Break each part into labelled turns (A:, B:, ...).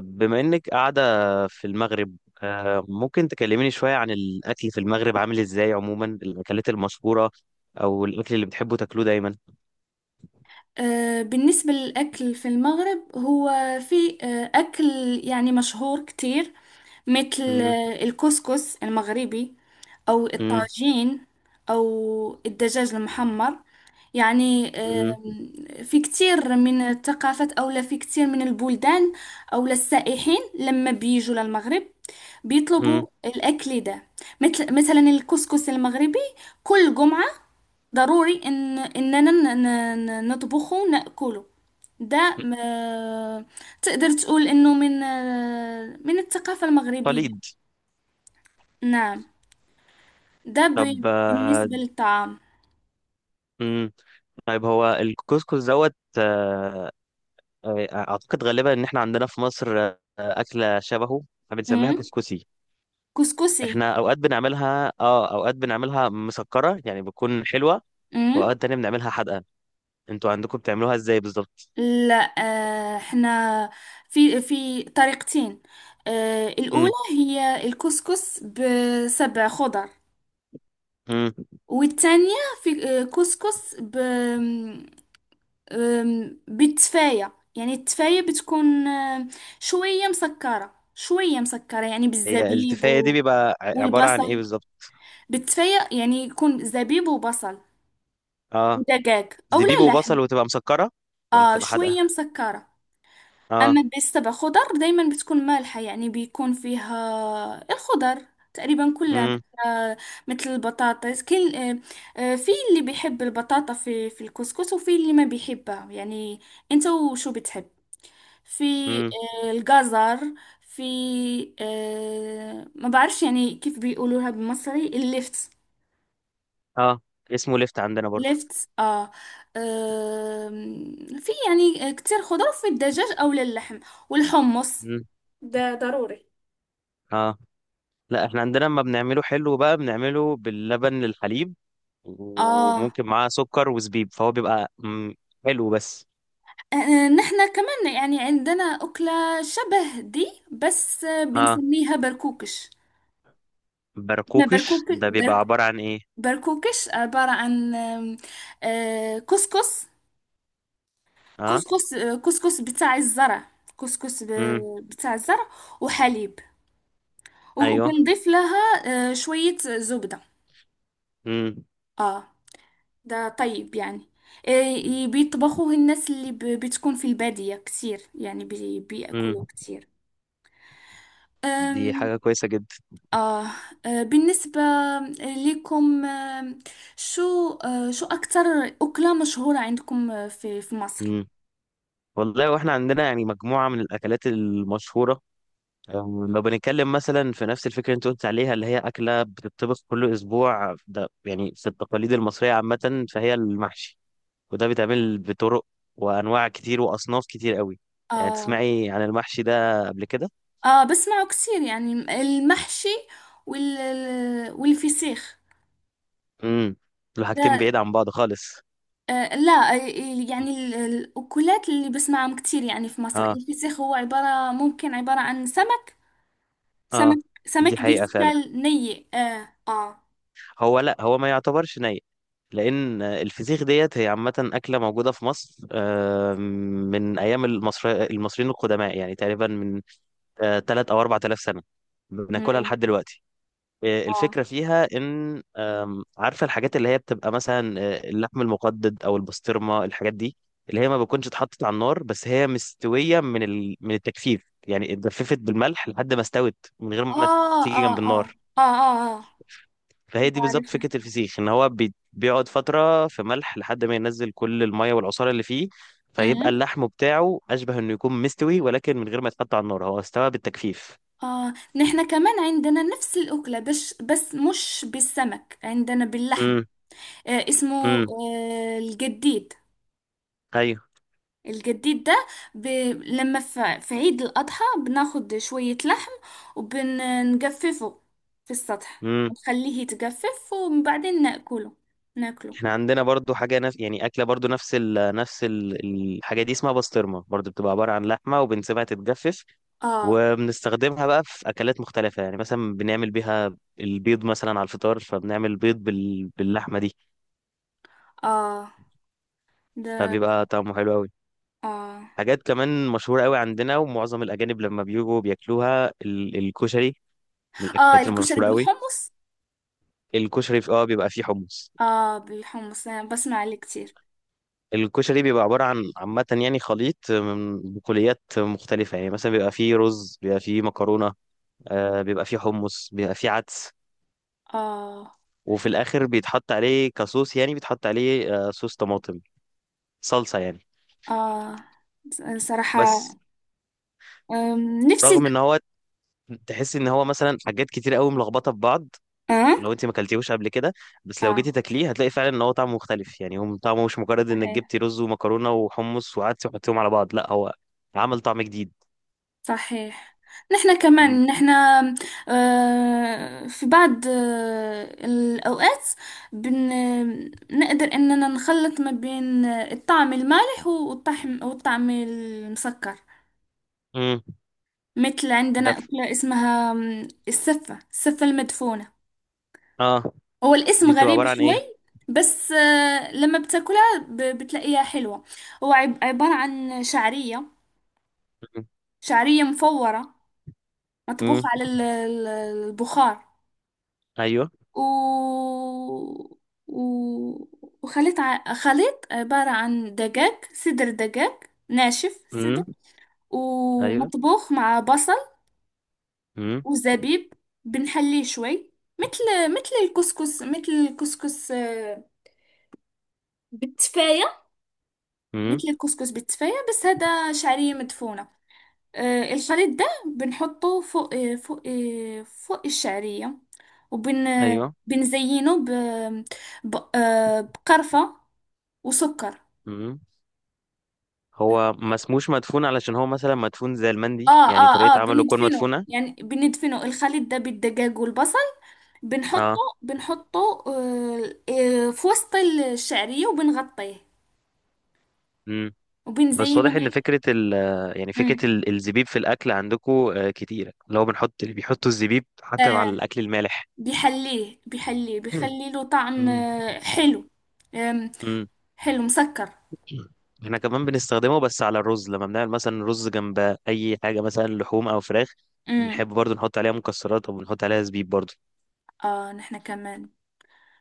A: بما إنك قاعدة في المغرب، ممكن تكلميني شوية عن الأكل في المغرب عامل إزاي عموما، الأكلات المشهورة أو الأكل اللي بتحبوا تاكلوه دايما.
B: بالنسبة للأكل في المغرب هو في أكل يعني مشهور كتير، مثل
A: مم.
B: الكسكس المغربي أو
A: مم.
B: الطاجين أو الدجاج المحمر. يعني
A: مم.
B: في كتير من الثقافات أو لا في كتير من البلدان، أو لا السائحين لما بيجوا للمغرب بيطلبوا
A: مم.
B: الأكل ده، مثل مثلا الكسكس المغربي. كل جمعة ضروري اننا نطبخه ناكله. ده م- تقدر تقول انه من الثقافة المغربية.
A: قليد.
B: نعم. ده
A: طب.
B: بالنسبة للطعام.
A: مم. طيب، هو الكسكس دوت. أعتقد غالبا إن إحنا عندنا في مصر أكلة شبهه بنسميها
B: أمم.
A: كسكسي.
B: كسكسي.
A: إحنا أوقات بنعملها، أوقات بنعملها مسكرة يعني بتكون حلوة،
B: أمم.
A: وأوقات تانية بنعملها حادقة. أنتوا عندكم بتعملوها إزاي بالظبط؟
B: لا، احنا في طريقتين. الأولى
A: امم.
B: هي الكسكس بسبع خضر.
A: امم.
B: والثانية في كسكس بالتفاية. يعني التفاية بتكون شوية مسكرة شوية مسكرة، يعني
A: هي
B: بالزبيب
A: التفاية دي بيبقى عبارة عن ايه
B: والبصل.
A: بالظبط؟
B: بالتفاية يعني يكون زبيب وبصل
A: اه.
B: ودجاج أو
A: زبيب
B: لا لحم.
A: وبصل وتبقى مسكرة ولا بتبقى حادقة؟
B: شوية مسكرة.
A: اه.
B: أما بالسبع خضر دايما بتكون مالحة، يعني بيكون فيها الخضر تقريبا كلها، مثل
A: امم.
B: آه، مثل البطاطس. كل في اللي بيحب البطاطا في الكسكس، وفي اللي ما بيحبها يعني. انت وشو بتحب. في
A: امم.
B: الجزر. في ما بعرفش يعني كيف بيقولوها بالمصري، الليفت.
A: اه، اسمه لفت عندنا برضو.
B: ليفت، اه. في يعني كتير خضار في الدجاج او للحم، والحمص
A: امم.
B: ده ضروري.
A: اه، لا، احنا عندنا لما بنعمله حلو بقى بنعمله باللبن، للحليب،
B: اه.
A: وممكن معاه سكر وزبيب، فهو بيبقى حلو بس.
B: نحنا كمان يعني عندنا أكلة شبه دي، بس
A: اه.
B: بنسميها بركوكش. ما بركوك
A: برقوقش ده بيبقى
B: برك-
A: عبارة عن ايه؟
B: بركوكش عبارة عن آم، آه، كسكس.
A: اه.
B: كسكس كسكس بتاع الزرع.
A: امم.
B: بتاع الزرع وحليب.
A: ايوه.
B: وبنضيف لها شوية زبدة.
A: امم.
B: اه. ده طيب يعني. بيطبخوه الناس اللي بتكون في البادية كتير، يعني
A: امم.
B: بيأكلوه كتير.
A: دي
B: أم
A: حاجة كويسة
B: آه آه، بالنسبة لكم شو شو أكتر أكلة مشهورة عندكم في مصر؟
A: جدا. والله، واحنا عندنا يعني مجموعة من الأكلات المشهورة. لو بنتكلم مثلا في نفس الفكرة اللي انت قلت عليها، اللي هي أكلة بتطبخ كل أسبوع، ده يعني في التقاليد المصرية عامة، فهي المحشي. وده بيتعمل بطرق وأنواع كتير وأصناف كتير قوي. يعني
B: آه،
A: تسمعي عن المحشي ده قبل كده؟
B: اه، بسمعه كتير يعني، المحشي والفسيخ.
A: امم. دول حاجتين
B: ده
A: بعيد عن بعض خالص.
B: لا، يعني الأكلات اللي بسمعهم كتير يعني في مصر،
A: اه،
B: الفسيخ هو ممكن عبارة عن سمك.
A: اه،
B: سمك
A: دي
B: سمك
A: حقيقة فعلا.
B: بيستال ني. اه، اه.
A: هو لا، هو ما يعتبرش ني، لان الفسيخ ديت هي عامه اكله موجوده في مصر من ايام المصري المصريين القدماء، يعني تقريبا من 3 او 4000 سنه بناكلها
B: أمم.
A: لحد دلوقتي.
B: اه،
A: الفكره فيها ان، عارفه الحاجات اللي هي بتبقى مثلا اللحم المقدد او البسطرمه، الحاجات دي اللي هي ما بتكونش اتحطت على النار، بس هي مستويه من التجفيف، يعني اتجففت بالملح لحد ما استوت، من غير ما
B: اه،
A: تيجي
B: اه،
A: جنب
B: اه،
A: النار.
B: اه، اه، اه.
A: فهي دي بالظبط
B: بعرفها.
A: فكرة الفسيخ، ان هو بيقعد فترة في ملح لحد ما ينزل كل المية والعصارة اللي فيه، فيبقى
B: أمم.
A: اللحم بتاعه اشبه انه يكون مستوي، ولكن من غير ما يتحط على النار، هو استوى بالتجفيف.
B: اه، نحنا كمان عندنا نفس الأكلة، بس مش بالسمك، عندنا باللحم.
A: امم.
B: اسمه
A: امم.
B: الجديد.
A: ايوه.
B: الجديد ده ب... لما في عيد الأضحى بناخد شوية لحم، وبنجففه في السطح،
A: امم.
B: بنخليه يتجفف وبعدين ناكله. ناكله.
A: احنا عندنا برضو حاجة يعني اكلة برضو نفس الحاجة دي اسمها بسطرمة برضو، بتبقى عبارة عن لحمة وبنسيبها تتجفف،
B: اه،
A: وبنستخدمها بقى في اكلات مختلفة. يعني مثلا بنعمل بيها البيض مثلا على الفطار، فبنعمل بيض باللحمة دي،
B: اه. ده.
A: فبيبقى طعمه حلو أوي.
B: اه،
A: حاجات كمان مشهورة قوي عندنا ومعظم الأجانب لما بيجوا بياكلوها، الكشري، من
B: اه.
A: الأكلات
B: الكشري
A: المشهورة قوي.
B: بالحمص.
A: الكشري في اه بيبقى فيه حمص.
B: اه، بالحمص انا بسمع عليه كتير.
A: الكشري بيبقى عبارة عن عامة يعني خليط من بقوليات مختلفة. يعني مثلا بيبقى فيه رز، بيبقى فيه مكرونة، بيبقى فيه حمص، بيبقى فيه عدس،
B: اه،
A: وفي الآخر بيتحط عليه كصوص، يعني بيتحط عليه صوص طماطم، صلصة يعني.
B: اه. صراحة
A: بس
B: نفسي.
A: رغم ان هو تحس ان هو مثلا حاجات كتير قوي ملخبطة في بعض،
B: اه،
A: لو انت ما اكلتيهوش قبل كده، بس لو جيتي
B: اه.
A: تاكليه هتلاقي فعلا ان هو طعمه مختلف. يعني هو طعمه مش مجرد انك
B: صحيح.
A: جبتي رز ومكرونه وحمص وقعدتي وحطيهم على بعض، لا، هو عمل طعم جديد.
B: صحيح. نحن
A: امم.
B: كمان، في بعض الأوقات بن نقدر إننا نخلط ما بين الطعم المالح والطعم المسكر.
A: امم.
B: مثل عندنا
A: ده ف-
B: أكلة اسمها السفة، السفة المدفونة.
A: اه،
B: هو الاسم
A: دي بتبقى
B: غريب
A: عباره عن
B: شوي،
A: ايه؟
B: بس لما بتاكلها بتلاقيها حلوة. هو عبارة عن شعرية، شعرية مفورة، مطبوخة
A: امم.
B: على البخار.
A: ايوه.
B: و... و... وخليط ع... خليط عبارة عن دجاج، صدر دجاج ناشف. صدر
A: امم. ايوه.
B: ومطبوخ مع بصل
A: امم.
B: وزبيب. بنحليه شوي مثل، الكسكس. بالتفاية.
A: امم.
B: مثل الكسكس بالتفاية، بس هذا شعرية مدفونة. الخليط ده بنحطه فوق الشعرية. وبن
A: ايوه.
B: بنزينه ب... ب... آه، بقرفة وسكر.
A: امم. هو ما اسموش مدفون علشان هو مثلا مدفون زي
B: اه،
A: المندي؟ يعني
B: اه، اه.
A: طريقه عمله تكون
B: بندفنه
A: مدفونه؟
B: يعني بندفنه الخليط ده بالدجاج والبصل، بنحطه
A: اه.
B: بنحطه في وسط الشعرية، وبنغطيه
A: بس
B: وبنزينه
A: واضح ان
B: من
A: فكره ال يعني
B: مم.
A: فكره ال- الزبيب في الاكل عندكم كتيره، اللي هو بنحط، اللي بيحطوا الزبيب حتى مع
B: آه
A: الاكل المالح.
B: بيحليه، بيحليه،
A: مم.
B: بيخلي له طعم
A: مم.
B: حلو. آم،
A: مم.
B: حلو مسكر.
A: احنا كمان بنستخدمه، بس على الرز، لما بنعمل مثلا رز جنب اي حاجه، مثلا لحوم او فراخ،
B: امم
A: بنحب برضو نحط عليها مكسرات او بنحط عليها زبيب برضو.
B: اه، نحنا كمان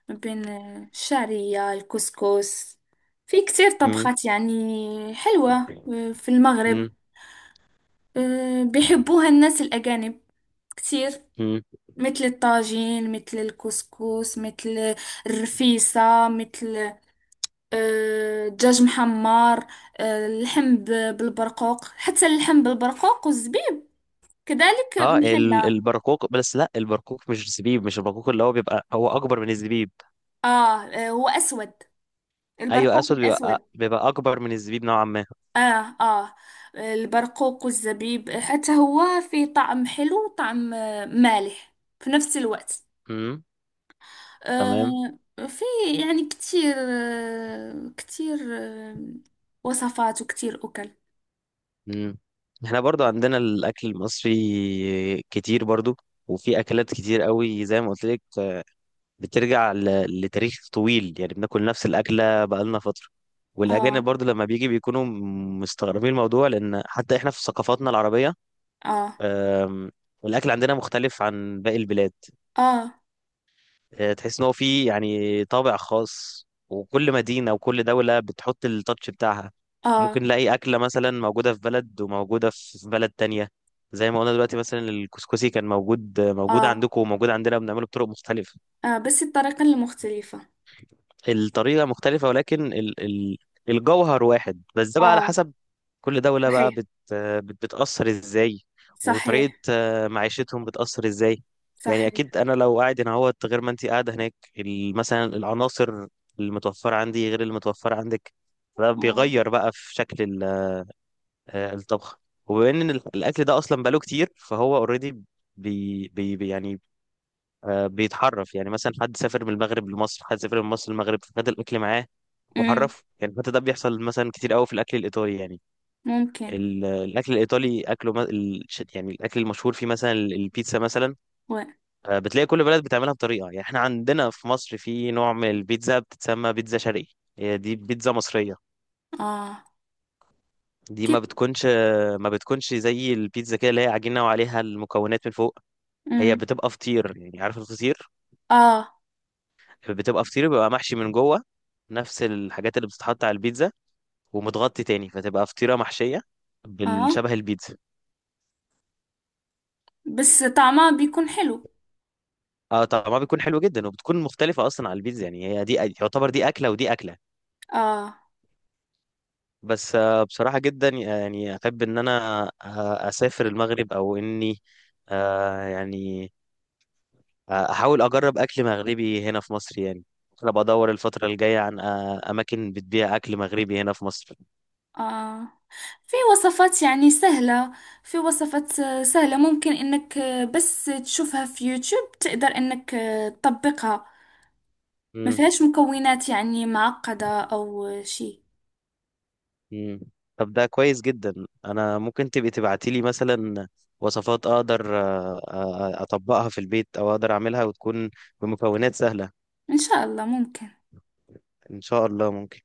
B: ما بين الشعرية الكسكس في كتير
A: مم.
B: طبخات يعني حلوة في المغرب.
A: مم.
B: بيحبوها الناس الأجانب كتير،
A: مم.
B: مثل الطاجين مثل الكسكس مثل الرفيسة مثل دجاج محمر. اللحم بالبرقوق. حتى اللحم بالبرقوق والزبيب كذلك
A: اه،
B: محلى.
A: البرقوق، بس لا، البرقوق مش زبيب، مش البرقوق اللي هو بيبقى هو اكبر من الزبيب.
B: آه هو أسود،
A: ايوه،
B: البرقوق
A: اسود،
B: الأسود.
A: بيبقى اكبر من الزبيب نوعا ما.
B: آه آه البرقوق والزبيب حتى هو فيه طعم حلو وطعم مالح في نفس الوقت.
A: مم. تمام.
B: آه، في يعني كتير وصفات وكتير أكل.
A: مم. احنا برضو عندنا الاكل المصري كتير برضو، وفي اكلات كتير قوي زي ما قلت لك بترجع لتاريخ طويل. يعني بناكل نفس الاكله بقالنا فتره، والاجانب
B: آه،
A: برضو لما بيجي بيكونوا مستغربين الموضوع، لان حتى احنا في ثقافاتنا العربيه،
B: آه،
A: أم، الاكل عندنا مختلف عن باقي البلاد.
B: آه،
A: تحس ان هو فيه يعني طابع خاص، وكل مدينة وكل دولة بتحط التاتش بتاعها.
B: آه،
A: ممكن نلاقي أكلة مثلا موجودة في بلد وموجودة في بلد تانية، زي ما قلنا دلوقتي مثلا الكسكسي كان موجود
B: آه،
A: عندكم وموجود عندنا، بنعمله بطرق مختلفة.
B: آه، بس الطريقة المختلفة.
A: الطريقة مختلفة، ولكن ال ال الجوهر واحد، بس ده بقى على
B: آه،
A: حسب كل دولة بقى
B: صحيح،
A: بت بت بتأثر ازاي، وطريقة
B: صحيح،
A: معيشتهم بتأثر ازاي. يعني
B: صحيح.
A: أكيد أنا لو قاعد هنا اهوت غير ما أنت قاعدة هناك، مثلا العناصر المتوفرة عندي غير المتوفرة عندك، ده
B: آه.
A: بيغير بقى في شكل الطبخ. وبما إن الأكل ده أصلا بقاله كتير، فهو أوريدي يعني بيتحرف. يعني مثلا حد سافر من المغرب لمصر، حد سافر من مصر للمغرب، فخد الاكل معاه
B: أمم.
A: وحرفه. يعني حتى ده بيحصل مثلا كتير قوي في الاكل الايطالي. يعني
B: ممكن.
A: الاكل الايطالي اكله يعني الاكل المشهور فيه مثلا البيتزا مثلا،
B: و
A: بتلاقي كل بلد بتعملها بطريقه. يعني احنا عندنا في مصر في نوع من البيتزا بتتسمى بيتزا شرقي، هي دي بيتزا مصريه.
B: آه
A: دي
B: كيف.
A: ما بتكونش زي البيتزا كده اللي هي عجينه وعليها المكونات من فوق، هي
B: أمم.
A: بتبقى فطير. يعني عارف الفطير؟
B: آه،
A: بتبقى فطيرة بيبقى محشي من جوه نفس الحاجات اللي بتتحط على البيتزا، ومتغطي تاني، فتبقى فطيرة محشية
B: آه،
A: بالشبه البيتزا.
B: بس طعمها بيكون حلو.
A: اه طبعا، بيكون حلو جدا، وبتكون مختلفة أصلا على البيتزا. يعني هي دي يعتبر دي أكلة ودي أكلة.
B: آه
A: بس بصراحة جدا يعني أحب إن أنا أسافر المغرب، أو إني آه يعني أحاول أجرب أكل مغربي هنا في مصر. يعني ممكن أبقى أدور الفترة الجاية عن أماكن بتبيع أكل مغربي هنا في مصر.
B: آه. في وصفات يعني سهلة. في وصفات سهلة، ممكن انك بس تشوفها في يوتيوب تقدر انك تطبقها. ما فيهاش مكونات يعني معقدة او شي.
A: مم. طب ده كويس جدا. انا ممكن تبقي تبعتي لي مثلا وصفات اقدر اطبقها في البيت، او اقدر اعملها وتكون بمكونات سهلة.
B: ان شاء الله ممكن.
A: ان شاء الله ممكن.